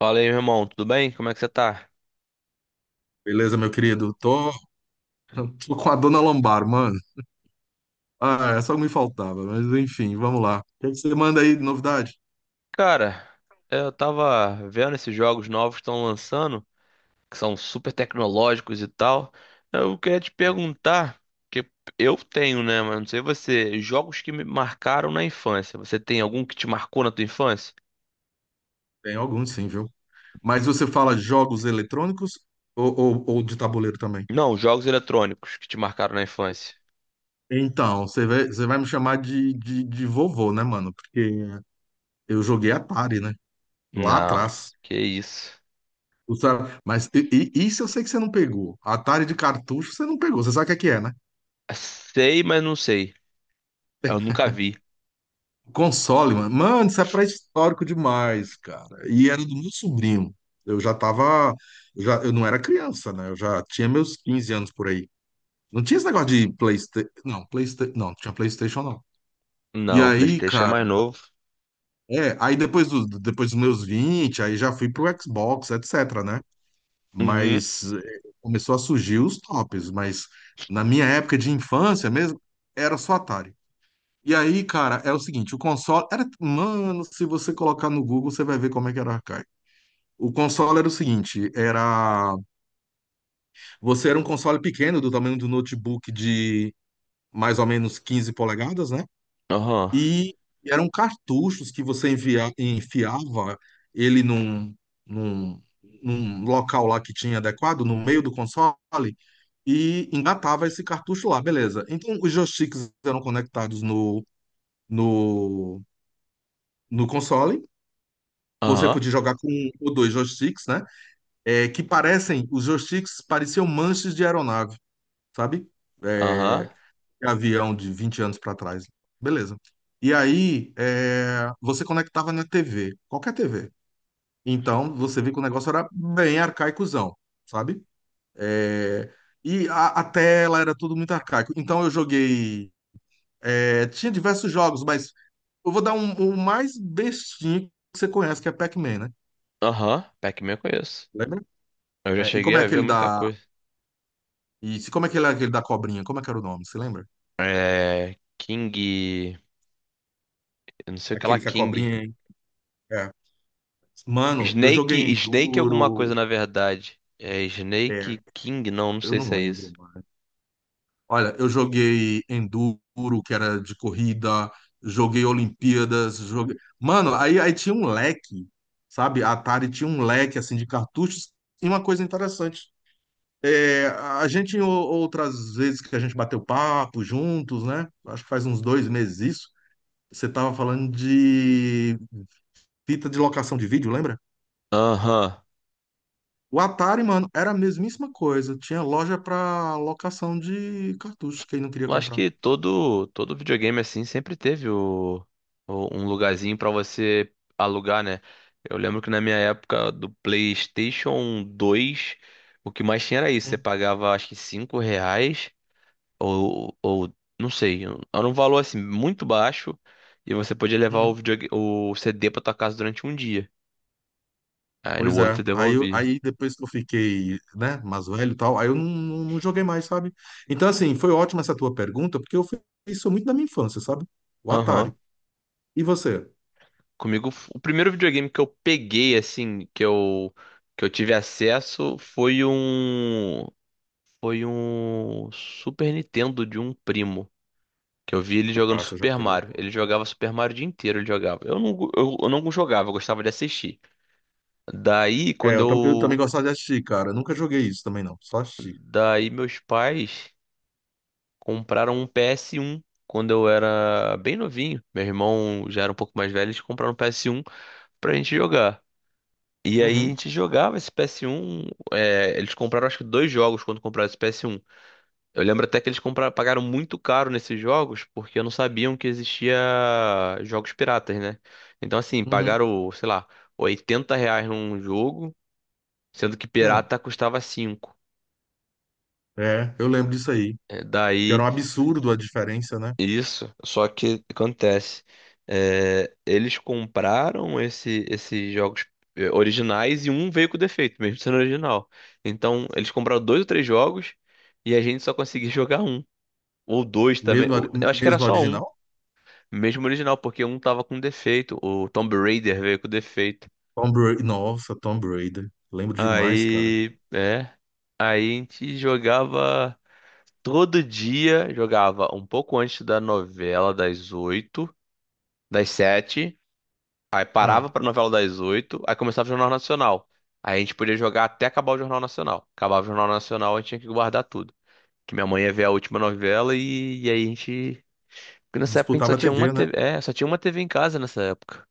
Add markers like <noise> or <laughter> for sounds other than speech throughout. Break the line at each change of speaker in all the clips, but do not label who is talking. Fala aí, meu irmão, tudo bem? Como é que você tá?
Beleza, meu querido? Tô com a dona lombar, mano. Ah, é só o que me faltava, mas enfim, vamos lá. O que que você manda aí de novidade?
Cara, eu tava vendo esses jogos novos que estão lançando, que são super tecnológicos e tal. Eu queria te
Hum.
perguntar, que eu tenho, né, mas não sei você, jogos que me marcaram na infância. Você tem algum que te marcou na tua infância?
Tem alguns, sim, viu? Mas você fala jogos eletrônicos ou de tabuleiro também?
Não, jogos eletrônicos que te marcaram na infância.
Então, você vai me chamar de vovô, né, mano? Porque eu joguei Atari, né? Lá
Não,
atrás.
que isso.
Mas isso eu sei que você não pegou. Atari de cartucho você não pegou. Você sabe o que é, né?
Sei, mas não sei. Eu nunca vi.
Console, mano. Mano, isso é pré-histórico demais, cara. E era do meu sobrinho. Eu já tava. Eu, já, eu não era criança, né? Eu já tinha meus 15 anos por aí. Não tinha esse negócio de PlayStation. Não, PlayStation. Não, não tinha PlayStation, não. E
Não,
aí,
PlayStation é mais
cara.
novo.
É, aí depois dos meus 20 aí já fui pro Xbox, etc, né?
Uhum,
Mas é, começou a surgir os tops. Mas na minha época de infância mesmo, era só Atari. E aí, cara, é o seguinte, o console era, mano, se você colocar no Google, você vai ver como é que era arcaico. O console era o seguinte, era, você era um console pequeno do tamanho do notebook de mais ou menos 15 polegadas, né?
aham,
E eram cartuchos que você enfiava ele num, num local lá que tinha adequado, no meio do console, e engatava esse cartucho lá, beleza. Então, os joysticks eram conectados no, no console. Você
aham,
podia jogar com um ou dois joysticks, né? É, os joysticks pareciam manches de aeronave, sabe? É,
aham.
de avião de 20 anos para trás. Beleza. E aí, é, você conectava na TV, qualquer TV. Então, você viu que o negócio era bem arcaicozão, sabe? É, e a tela era tudo muito arcaico. Então, eu joguei. É, tinha diversos jogos, mas eu vou dar um, o mais bestinho que você conhece, que é Pac-Man, né?
Aham, Pac-Man eu conheço.
Lembra?
Eu já
É, e
cheguei
como é
a ver
aquele
muita
da
coisa.
E se- como é que ele é aquele da cobrinha? Como é que era o nome? Você lembra?
É. King. Eu não sei o que lá,
Aquele que a
King.
cobrinha. É. Mano, eu joguei
Snake. Snake alguma
Enduro.
coisa, na verdade. É
É,
Snake King? Não, não
eu
sei
não
se é
lembro,
isso.
mano. Olha, eu joguei Enduro, que era de corrida, joguei Olimpíadas, joguei. Mano, aí tinha um leque, sabe? A Atari tinha um leque assim de cartuchos. E uma coisa interessante. É, outras vezes que a gente bateu papo juntos, né? Acho que faz uns 2 meses isso. Você tava falando de fita de locação de vídeo, lembra?
Aham.
O Atari, mano, era a mesmíssima coisa. Tinha loja pra locação de cartucho, quem não queria
Eu acho
comprar.
que todo videogame assim sempre teve um lugarzinho pra você alugar, né? Eu lembro que na minha época do PlayStation 2, o que mais tinha era isso. Você
Hum.
pagava acho que 5 reais. Ou não sei, era um valor assim muito baixo e você podia levar o
Uhum.
o CD pra tua casa durante um dia. Aí no
Pois
outro eu
é. Aí, eu-
devolvi.
aí depois que eu fiquei, né, mais velho e tal, aí eu não joguei mais, sabe? Então, assim, foi ótima essa tua pergunta, porque eu fiz isso muito na minha infância, sabe? O
Aham.
Atari. E você?
Comigo, o primeiro videogame que eu peguei assim, que eu tive acesso foi foi um Super Nintendo de um primo. Que eu vi ele jogando
Ah, você já
Super
pegou,
Mario.
pô.
Ele jogava Super Mario o dia inteiro, ele jogava. Eu não, eu não jogava, eu gostava de assistir. Daí,
É,
quando
eu
eu.
também gostava de assistir, cara. Nunca joguei isso também, não. Só assisti.
Daí, meus pais compraram um PS1 quando eu era bem novinho. Meu irmão já era um pouco mais velho, eles compraram um PS1 pra gente jogar. E aí a
Uhum,
gente jogava esse PS1. Eles compraram acho que dois jogos quando compraram esse PS1. Eu lembro até que eles compraram, pagaram muito caro nesses jogos porque não sabiam que existia jogos piratas, né? Então assim,
uhum,
pagaram, sei lá, 80 reais num jogo, sendo que
hum.
pirata custava cinco.
É, eu lembro disso aí.
É,
Que era um
Daí.
absurdo a diferença, né?
Isso, só que acontece, eles compraram esses jogos originais e um veio com defeito, mesmo sendo original. Então, eles compraram dois ou três jogos e a gente só conseguia <laughs> jogar um. Ou dois também,
Mesmo, ori-
eu acho que era
mesmo
só um,
original?
mesmo original, porque um tava com defeito, o Tomb Raider veio com defeito.
Tom Brady. Nossa, Tom Brady. Lembro demais, cara.
Aí, aí a gente jogava todo dia, jogava um pouco antes da novela, das sete. Aí
Ah,
parava pra novela das oito, aí começava o Jornal Nacional. Aí a gente podia jogar até acabar o Jornal Nacional. Acabava o Jornal Nacional, a gente tinha que guardar tudo. Que minha mãe ia ver a última novela e aí a gente. Porque nessa época a gente
disputava
só
a
tinha uma
TV, né?
TV. É, só tinha uma TV em casa nessa época.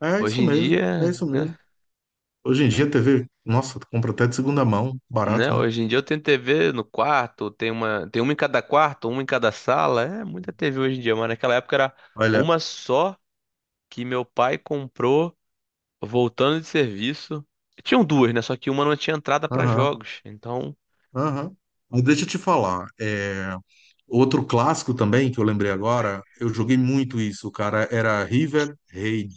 É
Hoje
isso
em
mesmo, é
dia,
isso
né?
mesmo. Hoje em dia a TV, nossa, tu compra até de segunda mão,
Né?
barato, né?
Hoje em dia eu tenho TV no quarto, tem uma em cada quarto, uma em cada sala. É muita TV hoje em dia, mas naquela época era
Olha.
uma só que meu pai comprou, voltando de serviço. Tinham duas, né? Só que uma não tinha entrada pra
Aham,
jogos. Então,
aham. Mas deixa eu te falar, é, outro clássico também que eu lembrei agora, eu joguei muito isso, cara, era River Raid.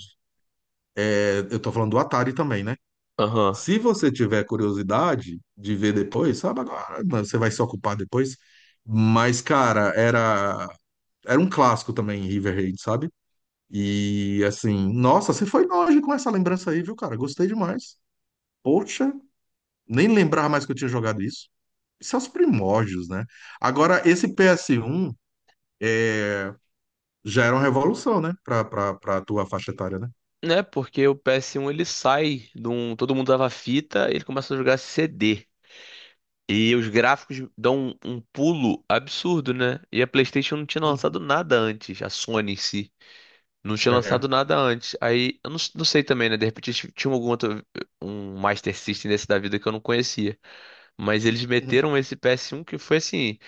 É, eu tô falando do Atari também, né?
aham.
Se você tiver curiosidade de ver depois, sabe agora, mas você vai se ocupar depois. Mas, cara, era um clássico também, River Raid, sabe? E assim, nossa, você foi longe com essa lembrança aí, viu, cara? Gostei demais. Poxa, nem lembrava mais que eu tinha jogado isso. Isso é os primórdios, né? Agora, esse PS1 já era uma revolução, né? Pra tua faixa etária, né?
Né? Porque o PS1, ele sai de um. Todo mundo dava fita e ele começa a jogar CD. E os gráficos dão um pulo absurdo, né? E a PlayStation não tinha
Uhum.
lançado nada antes, a Sony em si. Não tinha lançado
É.
nada antes. Aí, eu não, não sei também, né? De repente tinha algum outro, um Master System desse da vida que eu não conhecia. Mas eles
Uhum.
meteram esse PS1 que foi assim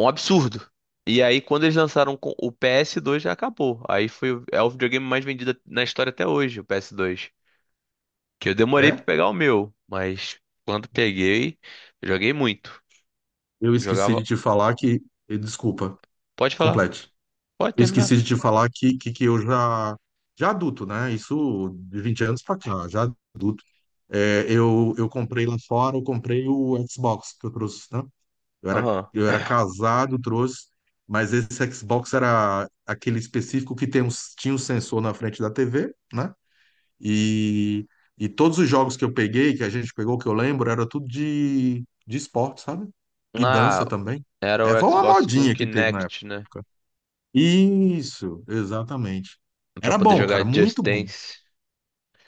um absurdo. E aí, quando eles lançaram o PS2, já acabou. Aí foi, é o videogame mais vendido na história até hoje, o PS2. Que eu demorei pra
É?
pegar o meu, mas quando peguei, joguei muito.
Eu esqueci de
Jogava.
te falar que. Desculpa,
Pode falar,
complete.
pode
Eu
terminar.
esqueci de te falar que eu já adulto, né? Isso de 20 anos pra cá, já adulto. É, eu comprei lá fora, eu comprei o Xbox que eu trouxe, né? Eu era,
Aham.
eu era casado, trouxe, mas esse Xbox era aquele específico que tinha um sensor na frente da TV, né? E, e todos os jogos que eu peguei, que a gente pegou, que eu lembro, era tudo de esporte, sabe? E
Ah,
dança também.
era o
É, foi uma
Xbox com
modinha que teve na
Kinect, né?
época. Isso, exatamente.
Pra
Era
poder
bom,
jogar
cara,
Just
muito bom.
Dance.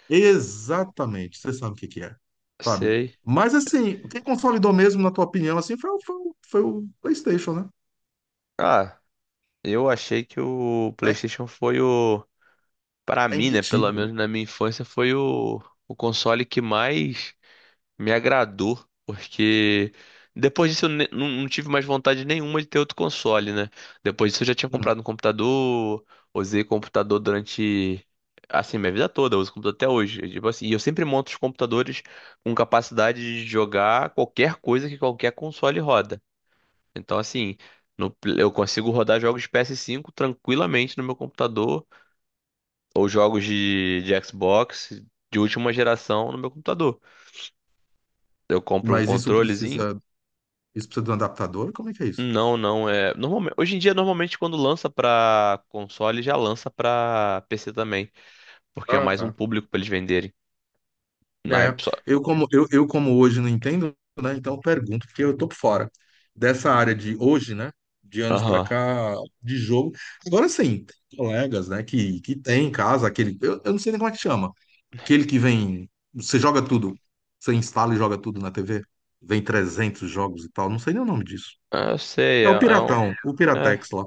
Exatamente, você sabe o que que é, sabe?
Sei.
Mas assim, o que consolidou mesmo, na tua opinião, assim, foi o PlayStation, né?
Ah, eu achei que o
É,
PlayStation foi o. Pra
é
mim, né? Pelo
imbatível, né?
menos na minha infância, foi o console que mais me agradou, porque depois disso eu não tive mais vontade nenhuma de ter outro console, né? Depois disso eu já tinha
Hum.
comprado um computador, usei computador durante, assim, minha vida toda, eu uso computador até hoje. E, tipo assim, e eu sempre monto os computadores com capacidade de jogar qualquer coisa que qualquer console roda. Então, assim, no pl- eu consigo rodar jogos de PS5 tranquilamente no meu computador, ou jogos de Xbox de última geração no meu computador. Eu compro um
Mas isso
controlezinho.
precisa, isso precisa de um adaptador? Como é que é isso?
Não, não é. Normalmente, hoje em dia, normalmente, quando lança pra console, já lança pra PC também. Porque é
Ah,
mais um
tá.
público pra eles venderem. Ah, é
É,
só-
eu como hoje não entendo, né? Então eu pergunto, porque eu tô por fora dessa área de hoje, né? De anos pra
Aham.
cá, de jogo. Agora sim, tem colegas, né? Que tem em casa aquele, eu não sei nem como é que chama, aquele que vem, você joga tudo, você instala e joga tudo na TV, vem 300 jogos e tal, não sei nem o nome disso.
Ah, eu sei,
É
é,
o
é um.
Piratão, o
É.
Piratex lá,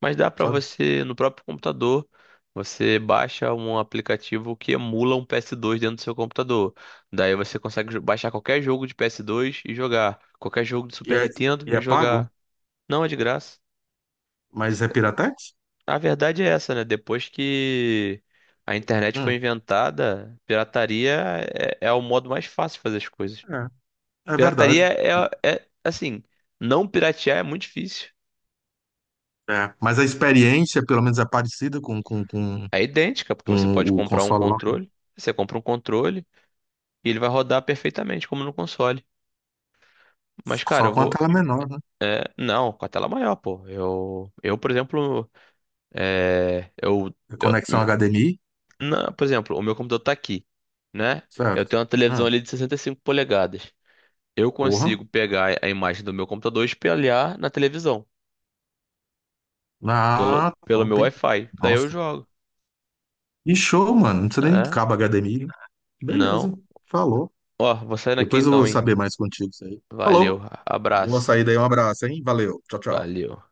Mas dá pra
sabe?
você, no próprio computador, você baixa um aplicativo que emula um PS2 dentro do seu computador. Daí você consegue baixar qualquer jogo de PS2 e jogar. Qualquer jogo de
E
Super
é, e
Nintendo e
é pago,
jogar. Não é de graça.
mas é Piratex?
A verdade é essa, né? Depois que a internet foi
Hum,
inventada, pirataria é o modo mais fácil de fazer as coisas.
é, é
Pirataria
verdade.
assim, não piratear é muito difícil.
É, mas a experiência, pelo menos, é parecida com, com, com,
É idêntica, porque você pode
com o
comprar um
console lá, né?
controle, você compra um controle e ele vai rodar perfeitamente, como no console. Mas, cara,
Só
eu
com a
vou.
tela menor, né?
É, não, com a tela maior, pô. Eu por exemplo, é, eu,
A
eu-
conexão HDMI,
não, por exemplo, o meu computador tá aqui, né? Eu
certo?
tenho uma televisão
Ah,
ali de 65 polegadas. Eu
porra.
consigo pegar a imagem do meu computador e espelhar na televisão,
Ah,
pelo meu
top, hein?
Wi-Fi. Daí eu
Nossa.
jogo.
E show, mano. Não precisa nem de
É,
cabo HDMI, né? Beleza.
não.
Falou.
Ó, vou saindo aqui
Depois eu vou
então, hein?
saber mais contigo isso aí.
Valeu,
Falou. Boa
abraço.
saída aí. Um abraço, hein? Valeu. Tchau, tchau.
Valeu.